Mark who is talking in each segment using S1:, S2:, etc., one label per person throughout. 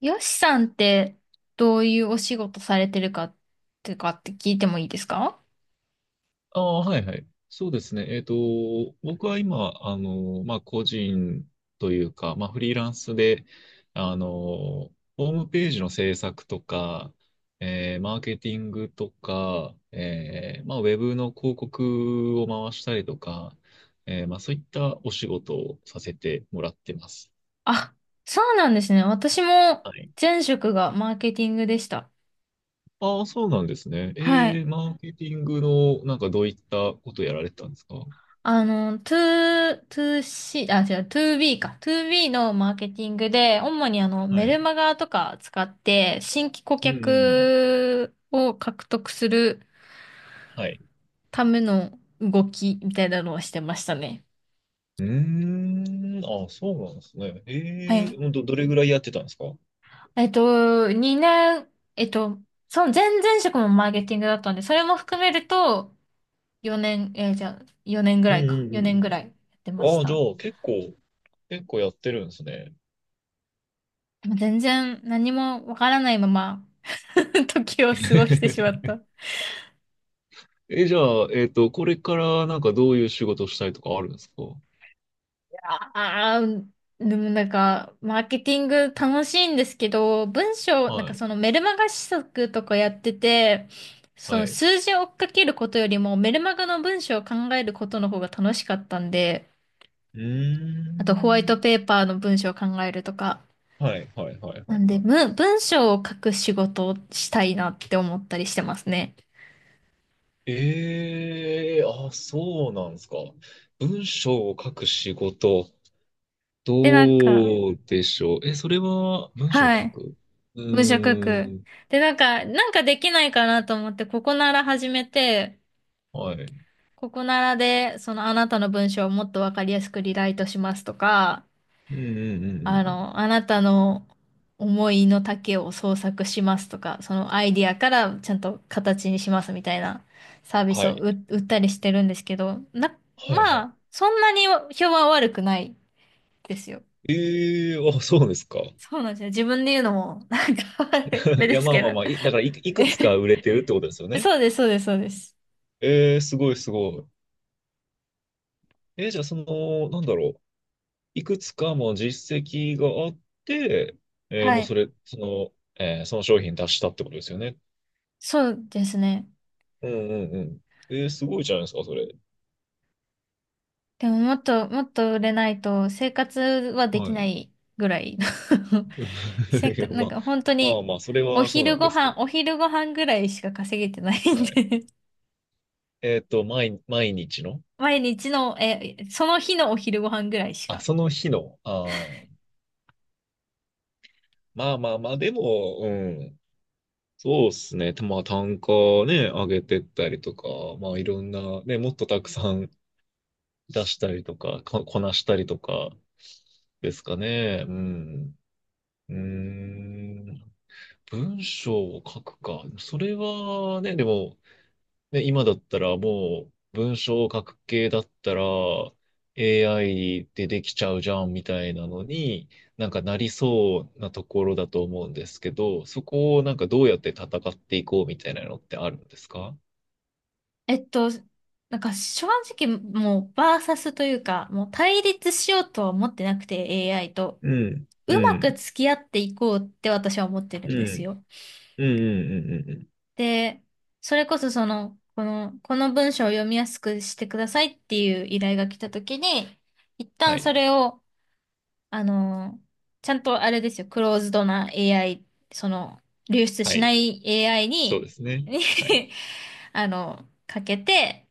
S1: よしさんってどういうお仕事されてるかって聞いてもいいですか？
S2: ああ、はいはい。そうですね。僕は今、まあ、個人というか、まあ、フリーランスで、ホームページの制作とか、マーケティングとか、まあ、ウェブの広告を回したりとか、まあ、そういったお仕事をさせてもらってます。
S1: あ、そうなんですね。私も
S2: はい。
S1: 前職がマーケティングでした。
S2: ああ、そうなんですね。
S1: はい。
S2: マーケティングの、なんかどういったことやられてたんですか？
S1: 2、2C、あ、違う、2B か。2B のマーケティングで、主に
S2: は
S1: メル
S2: い。
S1: マガとか使って、新規顧
S2: うんうん。
S1: 客を獲得する
S2: はい。
S1: ための動きみたいなのをしてましたね。
S2: うーん。あ、そうなんですね。
S1: は
S2: え
S1: い。
S2: え、どれぐらいやってたんですか？うん
S1: えっと、2年、その前々職もマーケティングだったんで、それも含めると、4年、じゃあ、4年ぐ
S2: うん
S1: らいか。
S2: う
S1: 4年ぐ
S2: ん
S1: らいやってま
S2: う
S1: し
S2: ん。あじゃ
S1: た。
S2: あ、結構、結構やってるんですね。
S1: でも全然何もわからないまま 時を過ごしてしまっ た。
S2: え、じゃあ、これからなんかどういう仕事をしたいとかあるんですか？
S1: ああ、でもなんか、マーケティング楽しいんですけど、文章、なん
S2: は
S1: か
S2: い、
S1: そのメルマガ試作とかやってて、そ
S2: は
S1: の
S2: い。
S1: 数字を追っかけることよりもメルマガの文章を考えることの方が楽しかったんで、
S2: う
S1: あとホワイ
S2: ー
S1: ト
S2: ん。
S1: ペーパーの文章を考えるとか。
S2: はい、はい、はい、は
S1: な
S2: い。
S1: んで、
S2: はい。
S1: 文章を書く仕事をしたいなって思ったりしてますね。
S2: ええ、あ、そうなんですか。文章を書く仕事、
S1: で、なんか、
S2: どうでしょう。え、それは文章を
S1: は
S2: 書
S1: い。
S2: く。う
S1: 文章書
S2: ー
S1: く。
S2: ん。
S1: で、なんか、できないかなと思って、ここなら始めて、
S2: はい。
S1: ここならで、そのあなたの文章をもっとわかりやすくリライトしますとか、
S2: うんうんうんうんうん。
S1: あなたの思いの丈を創作しますとか、そのアイディアからちゃんと形にしますみたいなサービス
S2: は
S1: を
S2: い。
S1: 売ったりしてるんですけど、
S2: はいは
S1: ま
S2: い。
S1: あ、そんなに評判は悪くないですよ。
S2: ええー、あ、そうですか。
S1: そうなんですよ。自分で言うのも、なんか あれ
S2: い
S1: で
S2: や、
S1: す
S2: まあ
S1: け
S2: ま
S1: ど。
S2: あまあ、だからいくつか
S1: え、
S2: 売れてるってことですよね。
S1: そうです、そうです、そうです。
S2: ええー、すごいすごい。じゃあ、その、なんだろう。いくつかも実績があって、
S1: は
S2: もうそ
S1: い。
S2: れ、その、えー、その商品出したってことですよね。
S1: そうですね。
S2: うんうんうん。すごいじゃないですか、それ。
S1: でももっと、もっと売れないと生活はでき
S2: は
S1: な
S2: い。
S1: いぐらい せっ
S2: い
S1: か、
S2: や、
S1: なん
S2: まあ、
S1: か本当
S2: まあ
S1: に
S2: まあ、それはそうなんですけど。
S1: お昼ご飯ぐらいしか稼げてない
S2: は
S1: ん
S2: い。
S1: で
S2: 毎日の、
S1: 毎日の、その日のお昼ご飯ぐらいし
S2: あ、
S1: か。
S2: その日の、まあまあまあ、でも、うん。そうっすね。まあ単価ね、上げてったりとか、まあいろんな、ね、もっとたくさん出したりとか、ここなしたりとか、ですかね。うん。うーん。文章を書くか。それはね、でも、で、今だったらもう文章を書く系だったら AI でできちゃうじゃんみたいなのになんかなりそうなところだと思うんですけど、そこをなんかどうやって戦っていこうみたいなのってあるんですか？
S1: えっと、なんか正直もうバーサスというか、もう対立しようとは思ってなくて AI と。
S2: うん、
S1: う
S2: う
S1: まく
S2: ん、
S1: 付き合っていこうって私は思ってる
S2: う
S1: んです
S2: ん、
S1: よ。
S2: うん、うん、うん、うん。
S1: で、それこそこの文章を読みやすくしてくださいっていう依頼が来た時に、一
S2: は
S1: 旦そ
S2: い。
S1: れを、あの、ちゃんとあれですよ、クローズドな AI、その、流出
S2: は
S1: し
S2: い。
S1: ない AI
S2: そう
S1: に、
S2: ですね。
S1: に
S2: はい。
S1: かけて、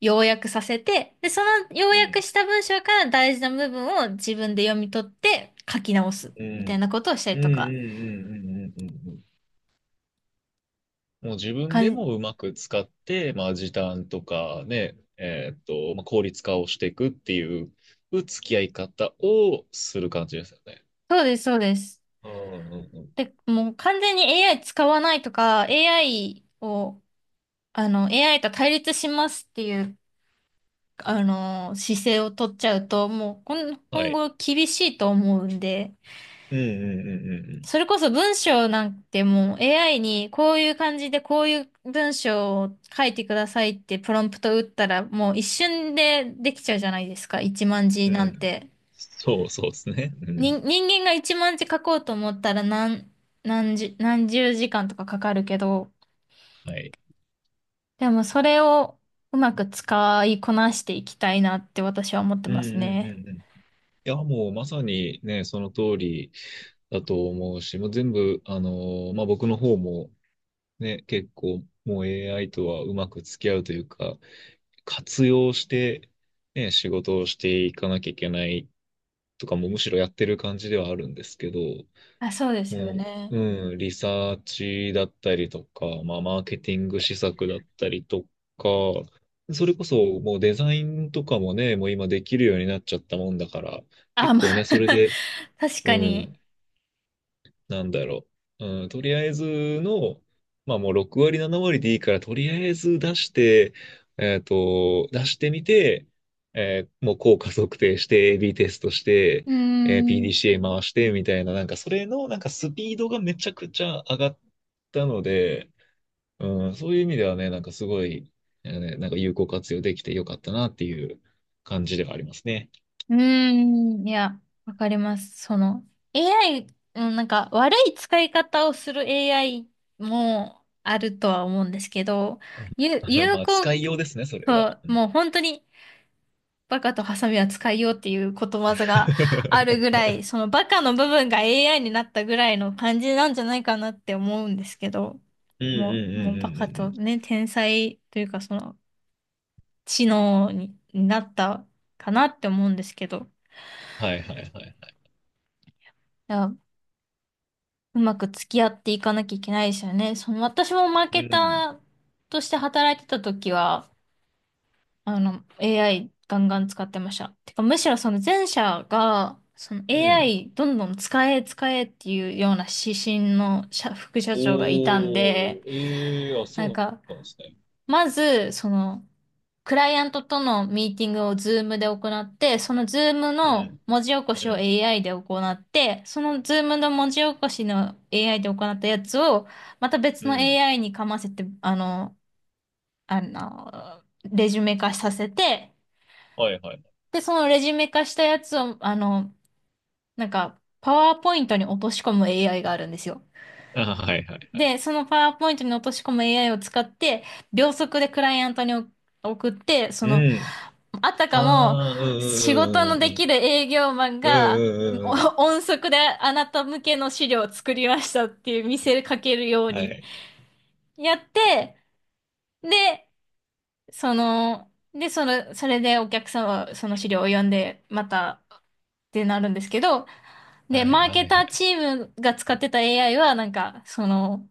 S1: 要約させて、で、その要
S2: うん、
S1: 約した文章から大事な部分を自分で読み取って書き直す、
S2: う
S1: みたい
S2: ん、
S1: なことをした
S2: う
S1: り
S2: ん、うん、う
S1: とか、
S2: ん、うん、うん、うん。もう自分
S1: か
S2: で
S1: ん、
S2: もうまく使って、まあ、時短とかね、まあ、効率化をしていくっていう付き合い方をする感じですよね。
S1: そうです、そうです。
S2: うんうんうん。
S1: で、もう完全に AI 使わないとか、AI を、AI と対立しますっていう、姿勢を取っちゃうと、もう
S2: は
S1: 今
S2: い。
S1: 後厳しいと思うんで、
S2: うんうんう
S1: そ
S2: ん
S1: れこそ文章なんてもう AI にこういう感じでこういう文章を書いてくださいってプロンプト打ったらもう一瞬でできちゃうじゃないですか、一万字
S2: うんう
S1: な
S2: ん。う
S1: ん
S2: ん。
S1: て。
S2: そうそうですね。うん。
S1: 人間が一万字書こうと思ったら何十時間とかかかるけど、
S2: はい。
S1: でもそれをうまく使いこなしていきたいなって私は思って
S2: うん
S1: ます
S2: うん
S1: ね。
S2: うんうん。いや、もうまさにね、その通りだと思うし、もう全部、まあ、僕の方もね、結構もう AI とはうまく付き合うというか、活用して、ね、仕事をしていかなきゃいけないとかもむしろやってる感じではあるんですけど、
S1: あ、そうですよ
S2: も
S1: ね。
S2: う、うん、リサーチだったりとか、まあ、マーケティング施策だったりとか、それこそもうデザインとかもね、もう今できるようになっちゃったもんだから、
S1: あ、
S2: 結
S1: ま
S2: 構ね、
S1: あ
S2: それで、
S1: 確か
S2: う
S1: に。
S2: ん、なんだろう。うん、とりあえずの、まあもう6割、7割でいいから、とりあえず出して、出してみて、もう効果測定して、AB テストして、
S1: うーん。
S2: PDCA 回して、みたいな、なんかそれの、なんかスピードがめちゃくちゃ上がったので、うん、そういう意味ではね、なんかすごい、ねなんか有効活用できてよかったなっていう感じではありますね。
S1: うーん。いや、わかります。AI、うんなんか悪い使い方をする AI もあるとは思うんですけど、有、有
S2: まあ、
S1: 効
S2: 使いようですね、それは。
S1: と、
S2: うん。
S1: もう本当にバカとハサミは使いようっていうことわざがあるぐ らい、そのバカの部分が AI になったぐらいの感じなんじゃないかなって思うんですけど、
S2: うんう
S1: も
S2: ん
S1: う、
S2: う
S1: も
S2: ん
S1: う
S2: う
S1: バ
S2: ん
S1: カ
S2: うんう
S1: と
S2: ん。
S1: ね、天才というかその知能になったかなって思うんですけど、
S2: はいはいはいはい。
S1: いや、うまく付き合っていかなきゃいけないですよね。その私もマー
S2: う
S1: ケタ
S2: ん。
S1: ーとして働いてた時は、AI ガンガン使ってました。てか、むしろその前者が、その
S2: うん。
S1: AI どんどん使え使えっていうような指針の社副社長がいたんで、
S2: おー、ええー、あ、そ
S1: なんか、
S2: うなんですね。
S1: まず、クライアントとのミーティングをズームで行って、そのズーム
S2: う
S1: の
S2: ん、
S1: 文字起こ
S2: う
S1: しを
S2: ん、
S1: AI で行って、そのズームの文字起こしの AI で行ったやつを、また別
S2: う
S1: の
S2: ん。
S1: AI にかませて、レジュメ化させて、
S2: はいはい。
S1: で、そのレジュメ化したやつを、なんか、パワーポイントに落とし込む AI があるんですよ。
S2: あ、はいはいはい。
S1: で、そのパワーポイントに落とし込む AI を使って、秒速でクライアントに送って、
S2: うん。
S1: あた
S2: あ
S1: かも、
S2: あ、う
S1: 仕事
S2: ん
S1: の
S2: う
S1: で
S2: ん
S1: きる営業マン
S2: うん
S1: が、うんお
S2: うんうん。うんうんうんうん。
S1: 音速であなた向けの資料を作りましたっていう見せかけるよう
S2: は
S1: に
S2: い。
S1: やって、で、それでお客さんはその資料を読んで、また、ってなるんですけど、
S2: は
S1: で、
S2: い
S1: マー
S2: は
S1: ケ
S2: い
S1: タ
S2: は
S1: ー
S2: い。
S1: チームが使ってた AI は、なんか、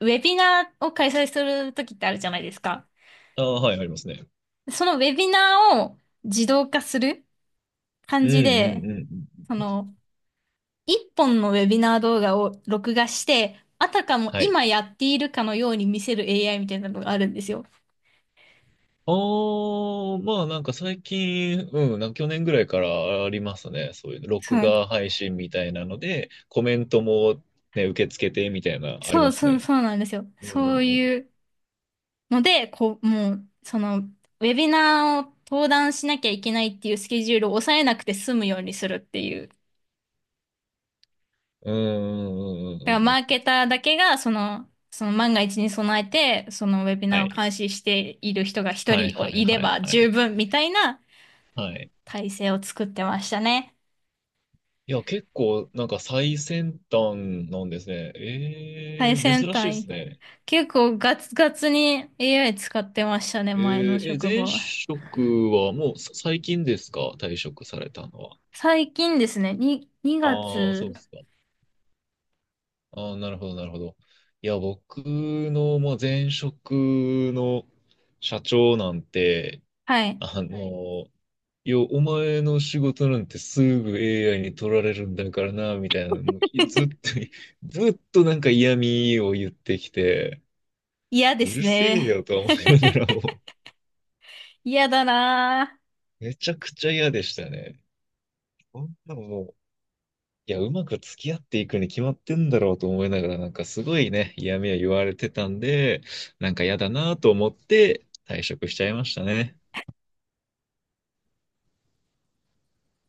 S1: ウェビナーを開催するときってあるじゃないですか。
S2: ああ、はい、ありますね。
S1: そのウェビナーを自動化する
S2: う
S1: 感
S2: ん
S1: じ
S2: う
S1: で、
S2: んうんうん。
S1: その、一本のウェビナー動画を録画して、あたかも
S2: はい。
S1: 今やっているかのように見せる AI みたいなのがあるんですよ。
S2: ああ、まあなんか最近、うん、なんか去年ぐらいからありますね。そういうの
S1: そ
S2: 録
S1: う、
S2: 画配信みたいなので、コメントもね、受け付けてみたいな、あり
S1: そ
S2: ま
S1: う
S2: す
S1: そう、
S2: ね。
S1: そうなんですよ。
S2: う
S1: そう
S2: ん
S1: いうので、こう、もう、ウェビナーを登壇しなきゃいけないっていうスケジュールを抑えなくて済むようにするっていう。
S2: うんうんう
S1: だか
S2: ん
S1: ら
S2: うん
S1: マー
S2: うん。
S1: ケターだけが、その万が一に備えて、そのウェビ
S2: は
S1: ナーを
S2: い。
S1: 監視している人が一
S2: はい
S1: 人
S2: はい
S1: い
S2: は
S1: れ
S2: い
S1: ば
S2: は
S1: 十
S2: い。
S1: 分みたいな
S2: はい。
S1: 体制を作ってましたね。
S2: いや、結構なんか最先端なんですね。
S1: 最先
S2: 珍しいです
S1: 端。
S2: ね。
S1: 結構ガツガツに AI 使ってましたね、前の職
S2: 前
S1: 場は。
S2: 職はもうさ最近ですか、退職されたのは？
S1: 最近ですね、2
S2: ああ、そう
S1: 月。
S2: ですか。ああ、なるほどなるほど。いや、僕の、まあ、前職の社長なんて、
S1: はい。
S2: はい。の、いや、お前の仕事なんてすぐ AI に取られるんだからな、みたいなの、もうずっと、ずっとなんか嫌味を言ってきて、
S1: 嫌で
S2: う
S1: す
S2: るせえ
S1: ね。
S2: よと思いながらも、
S1: 嫌だなぁ。
S2: めちゃくちゃ嫌でしたね。こんなのもう、いや、うまく付き合っていくに決まってんだろうと思いながら、なんかすごいね、嫌味を言われてたんで、なんか嫌だなと思って退職しちゃいましたね。